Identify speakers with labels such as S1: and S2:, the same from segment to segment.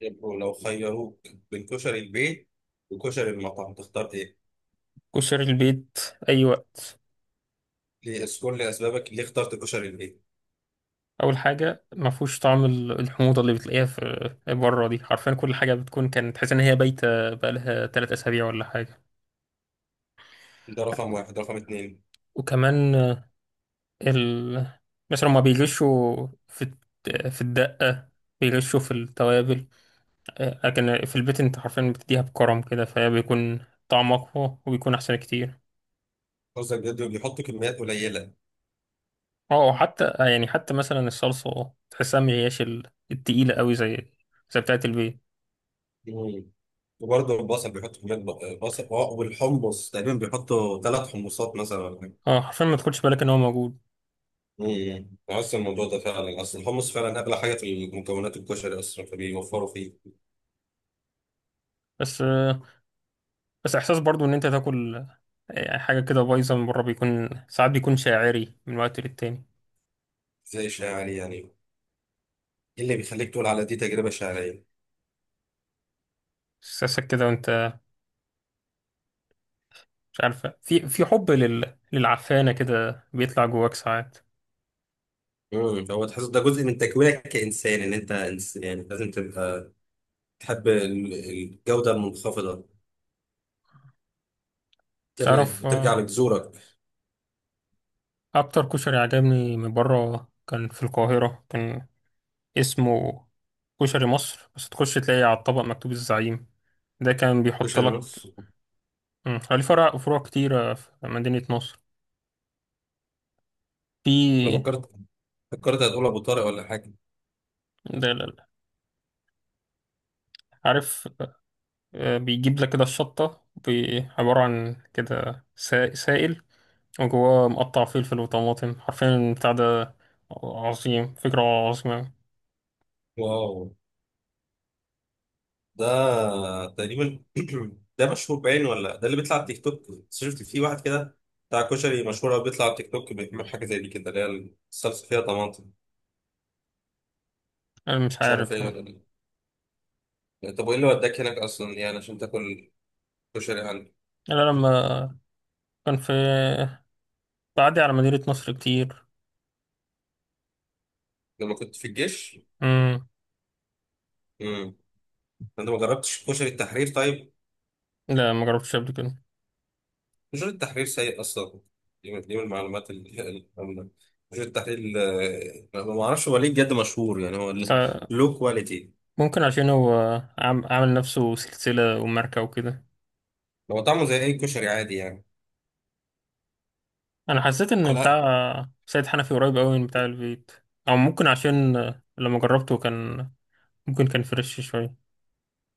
S1: يبقوا لو خيروك بين كشري البيت وكشري المطعم تختار ايه؟
S2: كشري البيت، أي وقت.
S1: ليه اذكر لي اسبابك ليه اخترت كشري البيت؟
S2: أول حاجة ما فيهوش طعم الحموضة اللي بتلاقيها في بره دي. حرفيا كل حاجة بتكون كانت تحس إن هي بايتة بقالها 3 أسابيع ولا حاجة.
S1: ده رقم 1، رقم 2.
S2: وكمان ال... مثلا ما بيغشوا في الدقة، بيغشوا في التوابل. لكن في البيت أنت حرفيا بتديها بكرم كده، فهي بيكون طعم أقوى وبيكون أحسن كتير.
S1: رز الجد بيحط كميات قليلة.
S2: اه حتى يعني حتى مثلا الصلصة تحسها مهياش التقيلة أوي زي بتاعة البيت.
S1: مم. وبرضه البصل بيحط كمية بصل والحمص تقريبا بيحطوا 3 حمصات مثلا ولا حاجة.
S2: اه حرفيا ما تاخدش بالك ان هو موجود.
S1: بحس الموضوع ده فعلا اصل الحمص فعلا اغلى حاجة في مكونات الكشري اصلا فبيوفروا فيه.
S2: بس بس احساس برضو ان انت تاكل يعني حاجه كده بايظه من بره، بيكون ساعات بيكون شاعري من وقت للتاني.
S1: زي الشاعري يعني ايه اللي بيخليك تقول على دي تجربة شعرية؟
S2: احساسك كده وانت مش عارفه، في حب للعفانه كده بيطلع جواك ساعات.
S1: هو تحس ده جزء من تكوينك كإنسان ان انت يعني لازم تبقى تحب الجودة المنخفضة.
S2: تعرف،
S1: ترجع
S2: آه،
S1: لجذورك.
S2: اكتر كشري عجبني من بره كان في القاهره، كان اسمه كشري مصر. بس تخش تلاقي على الطبق مكتوب الزعيم، ده كان
S1: مش
S2: بيحط
S1: انا
S2: لك.
S1: بس.
S2: مم، هو ليه فرع، فروع كتيرة في مدينة نصر.
S1: أنا
S2: في
S1: فكرت هتقول ابو طارق ولا حاجة.
S2: ده لا- لا. عارف، آه، بيجيب لك كده الشطة عبارة عن كده سائل وجواه مقطع فلفل وطماطم، حرفيا البتاع ده عظيم، فكرة عظيمة.
S1: واو. ده تقريبا ده مشهور بعينه ولا ده اللي بيطلع على التيك توك؟ بس شفت في واحد كده بتاع كشري مشهور قوي بيطلع على التيك توك بيعمل حاجة زي دي كده، اللي هي الصلصة فيها طماطم.
S2: أنا مش
S1: مش عارف
S2: عارف.
S1: ايه
S2: أنا
S1: ولا إيه. طب وايه اللي وداك هناك اصلا يعني عشان تاكل كشري عندك؟
S2: لما كان في بعدي على مدينة نصر كتير.
S1: لما كنت في الجيش؟
S2: مم.
S1: انت ما جربتش كشري التحرير طيب؟
S2: لا ما جربتش قبل كده.
S1: كشري التحرير سيء اصلا. دي من من المعلومات اللي كشري التحرير ما اعرفش هو ليه بجد مشهور، يعني هو
S2: بس
S1: لو كواليتي،
S2: ممكن عشان هو عامل نفسه سلسلة وماركة وكده.
S1: هو طعمه زي اي كشري عادي يعني.
S2: أنا حسيت إن
S1: لا،
S2: بتاع سيد حنفي قريب أوي من بتاع البيت. أو ممكن عشان لما جربته كان، ممكن كان فريش شوية.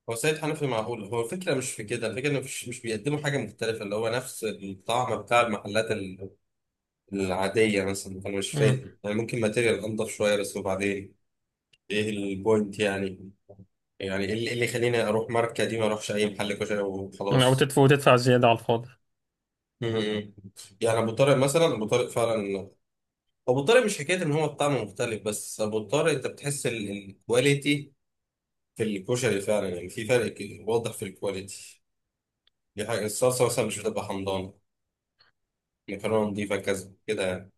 S1: هو سيد حنفي معقول، هو الفكره مش في كده، الفكره انه مش بيقدموا حاجه مختلفه، اللي هو نفس الطعم بتاع المحلات العاديه مثلا. انا مش فاهم يعني، ممكن ماتيريال انضف شويه بس، وبعدين ايه البوينت يعني؟ يعني ايه اللي اللي يخليني اروح ماركه دي ما اروحش اي محل كشري
S2: أو
S1: وخلاص؟
S2: تدفع وتدفع زيادة على الفاضي.
S1: مم. يعني ابو طارق مثلا، ابو طارق مش حكايه ان هو الطعم مختلف، بس ابو طارق انت بتحس الكواليتي في الكشري فعلا، يعني في فرق واضح في الكواليتي دي. حاجه الصلصه مثلا مش بتبقى حمضانه، المكرونه نضيفه كذا كده يعني.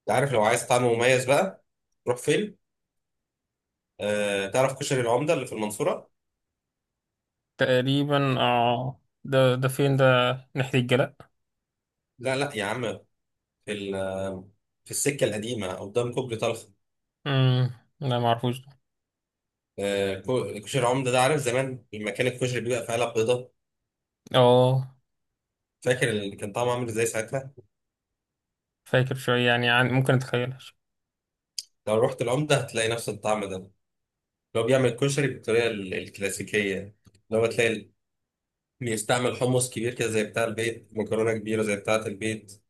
S1: انت عارف لو عايز طعم مميز بقى روح فين؟ آه تعرف كشري العمده اللي في المنصوره؟
S2: تقريبا اه، ده فين ده. ناحية الجلاء.
S1: لا لا يا عم، في في السكه القديمه قدام كوبري طلخه.
S2: امم، لا معرفوش ده.
S1: كشري العمده ده، عارف زمان المكان الكشري بيبقى في علب بيضاء،
S2: اه
S1: فاكر اللي كان طعمه عامل ازاي ساعتها؟
S2: فاكر شوية يعني، عن ممكن اتخيلها شوية.
S1: لو رحت العمدة هتلاقي نفس الطعم ده لو بيعمل كشري بالطريقة الكلاسيكية. لو تلاقي بيستعمل حمص كبير كده زي بتاع البيت، مكرونة كبيرة زي بتاعة البيت،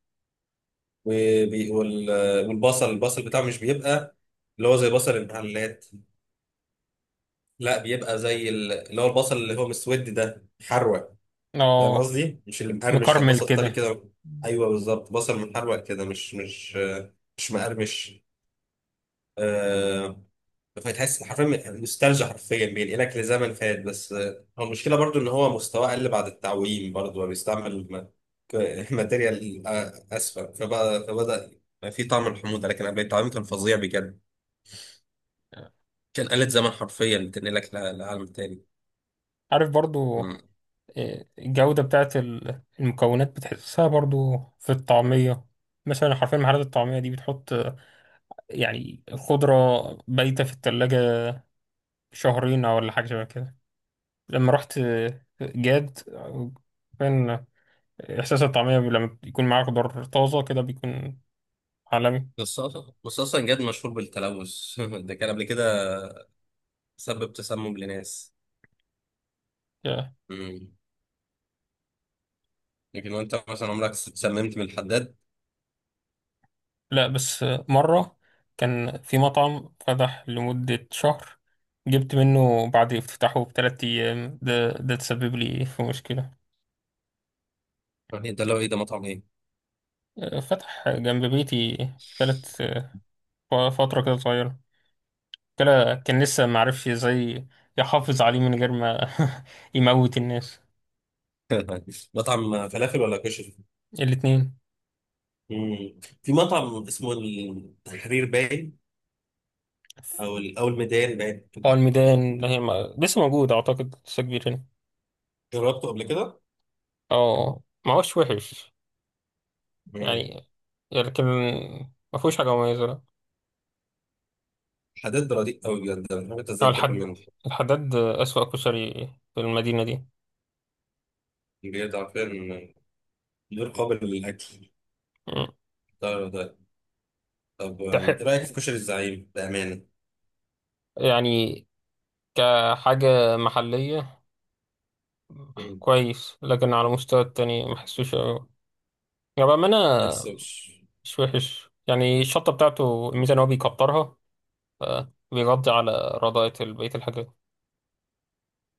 S1: والبصل، البصل بتاعه مش بيبقى اللي هو زي بصل المحلات، لا بيبقى زي اللي هو البصل اللي هو مسود ده، محروق، فاهم
S2: اه،
S1: قصدي؟ مش اللي مقرمش، لا
S2: مكرمل
S1: بصل طري
S2: كده.
S1: كده. ايوه بالظبط، بصل محروق كده، مش مقرمش. آه، فتحس حرفيا نوستالجيا، حرفيا بينقلك لزمن فات. بس آه، هو المشكله برضو ان هو مستواه قل بعد التعويم، برضو هو بيستعمل ماتيريال اسفل، فبدا بقى في طعم الحموضه، لكن قبل التعويم كان فظيع بجد. كان آلة زمن حرفيا بتنقلك لعالم تاني.
S2: عارف برضو
S1: مم.
S2: آه، الجودة بتاعت المكونات بتحسها برضو في الطعمية. مثلا حرفيا محلات الطعمية دي بتحط آه، يعني خضرة بايتة في التلاجة 2 شهرين أو ولا حاجة شبه كده. لما رحت آه، جاد، احساس الطعميه لما يكون معاه خضار طازه كده بيكون عالمي.
S1: بس اصلا جد مشهور بالتلوث. ده كان قبل كده سبب تسمم لناس.
S2: يا.
S1: مم. لكن وانت مثلا عمرك اتسممت من الحداد؟
S2: لا بس مره كان في مطعم فتح لمده شهر، جبت منه بعد افتتاحه ب3 ايام، ده تسبب لي في مشكله.
S1: يعني ده لو ايه، ده مطعم ايه؟
S2: فتح جنب بيتي ثلاث، فتره كده صغيره، كلا كان لسه معرفش ازاي يحافظ عليه من غير ما يموت الناس.
S1: مطعم فلافل ولا كشري؟
S2: الاتنين.
S1: مم. في مطعم اسمه التحرير باين، او او الميدان باين.
S2: اه الميدان، اللي هي لسه موجود اعتقد، لسه كبير هنا.
S1: جربته قبل كده؟
S2: اه ما هوش وحش
S1: مم.
S2: يعني، لكن ما فيهوش حاجة مميزة. لا،
S1: حداد رديء قوي بجد، انا مش عارف انت
S2: هو
S1: ازاي بتاكل
S2: الحد،
S1: منه.
S2: الحداد أسوأ كشري في المدينة دي.
S1: بجد عارفين، غير قابل للاكل.
S2: مم.
S1: ده طب أم، ايه
S2: تحق
S1: رايك في كشري الزعيم بامانه؟
S2: يعني كحاجة محلية
S1: مم.
S2: كويس، لكن على مستوى التاني ما حسوش أوي يعني بأمانة.
S1: ما يكسبش.
S2: مش وحش يعني، الشطة بتاعته الميزة إن هو بيكترها، فبيغطي على رضاية بقية الحاجات.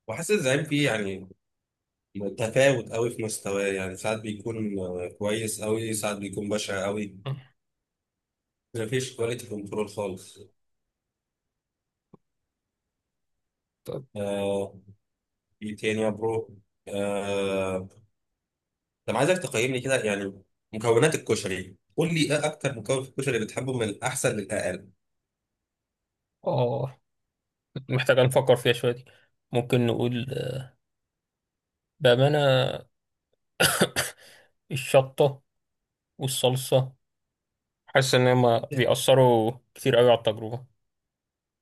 S1: وحاسس الزعيم فيه يعني تفاوت قوي في مستواه، يعني ساعات بيكون آه، كويس قوي، ساعات بيكون بشع قوي.
S2: مم.
S1: مفيش كواليتي كنترول خالص.
S2: طب،
S1: آه، ايه تاني يا برو؟ آه، طب عايزك تقيمني كده يعني مكونات الكشري، قول لي ايه اكتر مكون في الكشري بتحبه من الاحسن للاقل.
S2: اه محتاجة نفكر فيها شوية دي. ممكن نقول بأمانة، الشطة والصلصة، حاسس ان هما بيأثروا كتير قوي على التجربة.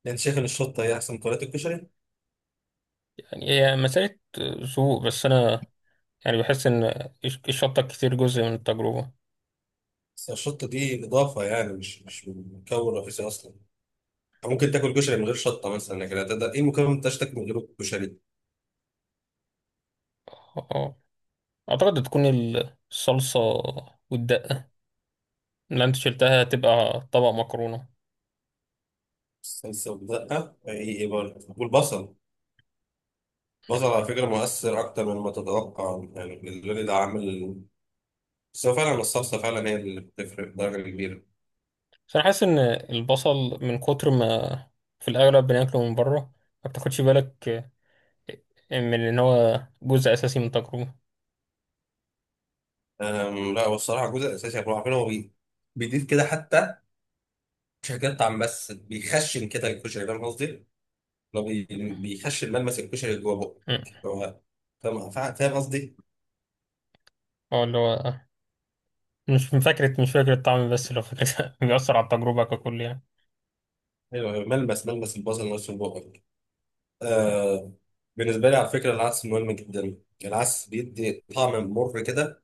S1: انت شايف ان الشطه هي احسن مكونات الكشري؟
S2: يعني هي مسألة ذوق، بس انا يعني بحس ان الشطة كتير جزء من التجربة.
S1: بس الشطه دي اضافه يعني، مش مكون رئيسي اصلا. ممكن تاكل كشري من غير شطه مثلا، لكن هتقدر ايه مكون ما تاكل من غير الكشري؟
S2: اه اعتقد تكون الصلصة والدقة اللي انت شلتها، هتبقى طبق مكرونة.
S1: الصلصه والدقه، ايه ايه برضه؟ والبصل، البصل على فكره مؤثر اكتر مما تتوقع، يعني بالنسبه لي ده عامل. بس هو فعلا الصلصه فعلا هي اللي بتفرق بدرجه كبيره.
S2: انا حاسس ان البصل من كتر ما في الاغلب بناكله من بره، ما بتاخدش بالك من ان هو جزء اساسي من التجربة.
S1: أم، لا والصراحه الجزء الاساسي، احنا عارفين، هو بيضيف كده، حتى مش هيقطع، بس بيخشن كده الكشري، فاهم قصدي؟ لو بيخشن ملمس الكشري جوه بقه.
S2: مم.
S1: هو فاهم قصدي؟
S2: اه اللي هو مش من فكرة، مش فاكر الطعم، بس لو فكرة بيأثر على التجربة ككل يعني.
S1: أيوة، أيوه، ملمس البصل نفسه بقه. آه، بالنسبة لي على فكرة العدس مهم جدا، العدس بيدي طعم مر كده.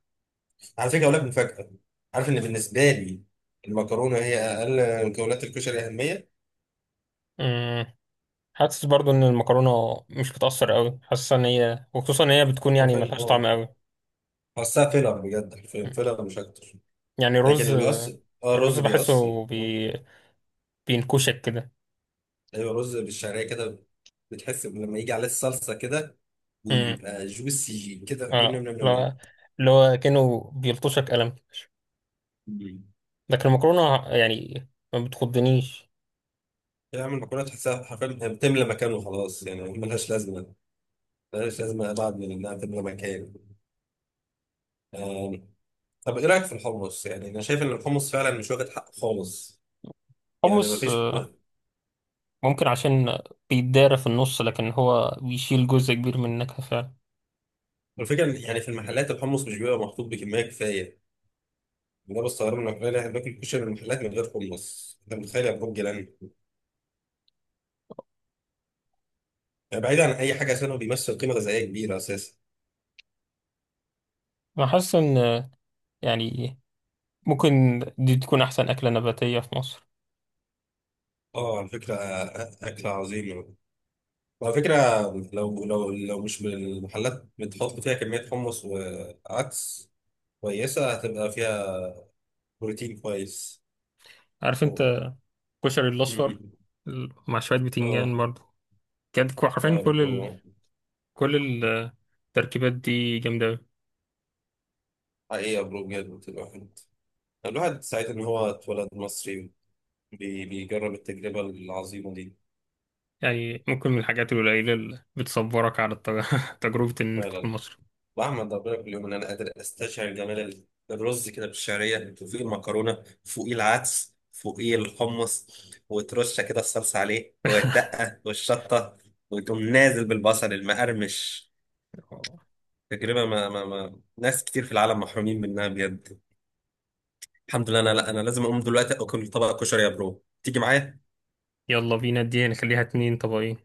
S1: على فكرة أقول لك مفاجأة، عارف إن بالنسبة لي المكرونة هي أقل مكونات الكشري أهمية؟
S2: مم. حاسس برضو ان المكرونه مش بتأثر قوي، حاسس ان هي، وخصوصا ان هي بتكون يعني
S1: حرفيا
S2: ملهاش
S1: اه،
S2: طعم قوي.
S1: بحسها فيلر بجد، حرفيا
S2: مم.
S1: فيلر مش أكتر.
S2: يعني
S1: لكن اللي بيأثر اه، الرز
S2: الرز
S1: بيأثر.
S2: بحسه بينكشك كده.
S1: ايوه، رز بالشعريه كده، بتحس إن لما يجي عليه الصلصه كده
S2: امم،
S1: ويبقى جوسي كده، نم
S2: اه
S1: نم نم نم
S2: لا، اللي هو كأنه بيلطشك قلم.
S1: نم.
S2: لكن المكرونه يعني ما بتخضنيش.
S1: تعمل مكرونه تحسها حرفيا بتملى مكانه خلاص، يعني ملهاش لازمه، ملهاش لازمه بعد من انها تملى مكان. آم، طب ايه رايك في الحمص؟ يعني انا شايف ان الحمص فعلا مش واخد حقه خالص، يعني
S2: حمص
S1: مفيش
S2: آه،
S1: فيش.
S2: ممكن عشان بيتدارى في النص، لكن هو بيشيل جزء كبير من النكهه فعلا.
S1: الفكره إن يعني في المحلات الحمص مش بيبقى محطوط بكميه كفايه. ده بستغرب من الأغنياء اللي احنا بناكل كشري من المحلات من غير حمص، انت متخيل يا برج جيران؟ يعني بعيد عن اي حاجه، عشان هو بيمثل قيمه غذائيه كبيره اساسا.
S2: انا حاسس ان آه، يعني ممكن دي تكون احسن اكله نباتيه في مصر.
S1: اه على فكرة آه، أكل عظيم. وعلى فكرة لو لو مش من المحلات بتحط فيها كمية حمص وعدس كويسة، هتبقى فيها بروتين كويس.
S2: عارف
S1: أوه.
S2: انت كشري
S1: مم.
S2: الاصفر مع شويه
S1: اه.
S2: بتنجان برضه، كانت
S1: اه
S2: حرفيا
S1: يا
S2: كل
S1: برو.
S2: كل التركيبات دي جامده أوي.
S1: حقيقة يا برو بجد، الواحد سعيد إن هو اتولد مصري، بيجرب التجربة العظيمة دي.
S2: يعني ممكن من الحاجات القليله اللي بتصبرك على تجربه انك تكون
S1: فعلا.
S2: مصري.
S1: واحمد ربنا كل يوم ان انا قادر استشعر جمال الرز كده بالشعريه، وفوقيه المكرونه، فوقيه العدس، فوقيه الحمص، وترشه كده الصلصه عليه والدقه والشطه، وتقوم نازل بالبصل المقرمش. تجربه ما ناس كتير في العالم محرومين منها بجد. الحمد لله. انا لا انا لازم اقوم دلوقتي اكل طبق كشري، يا برو تيجي معايا؟
S2: يلا بينا، دي نخليها 2 طبقين.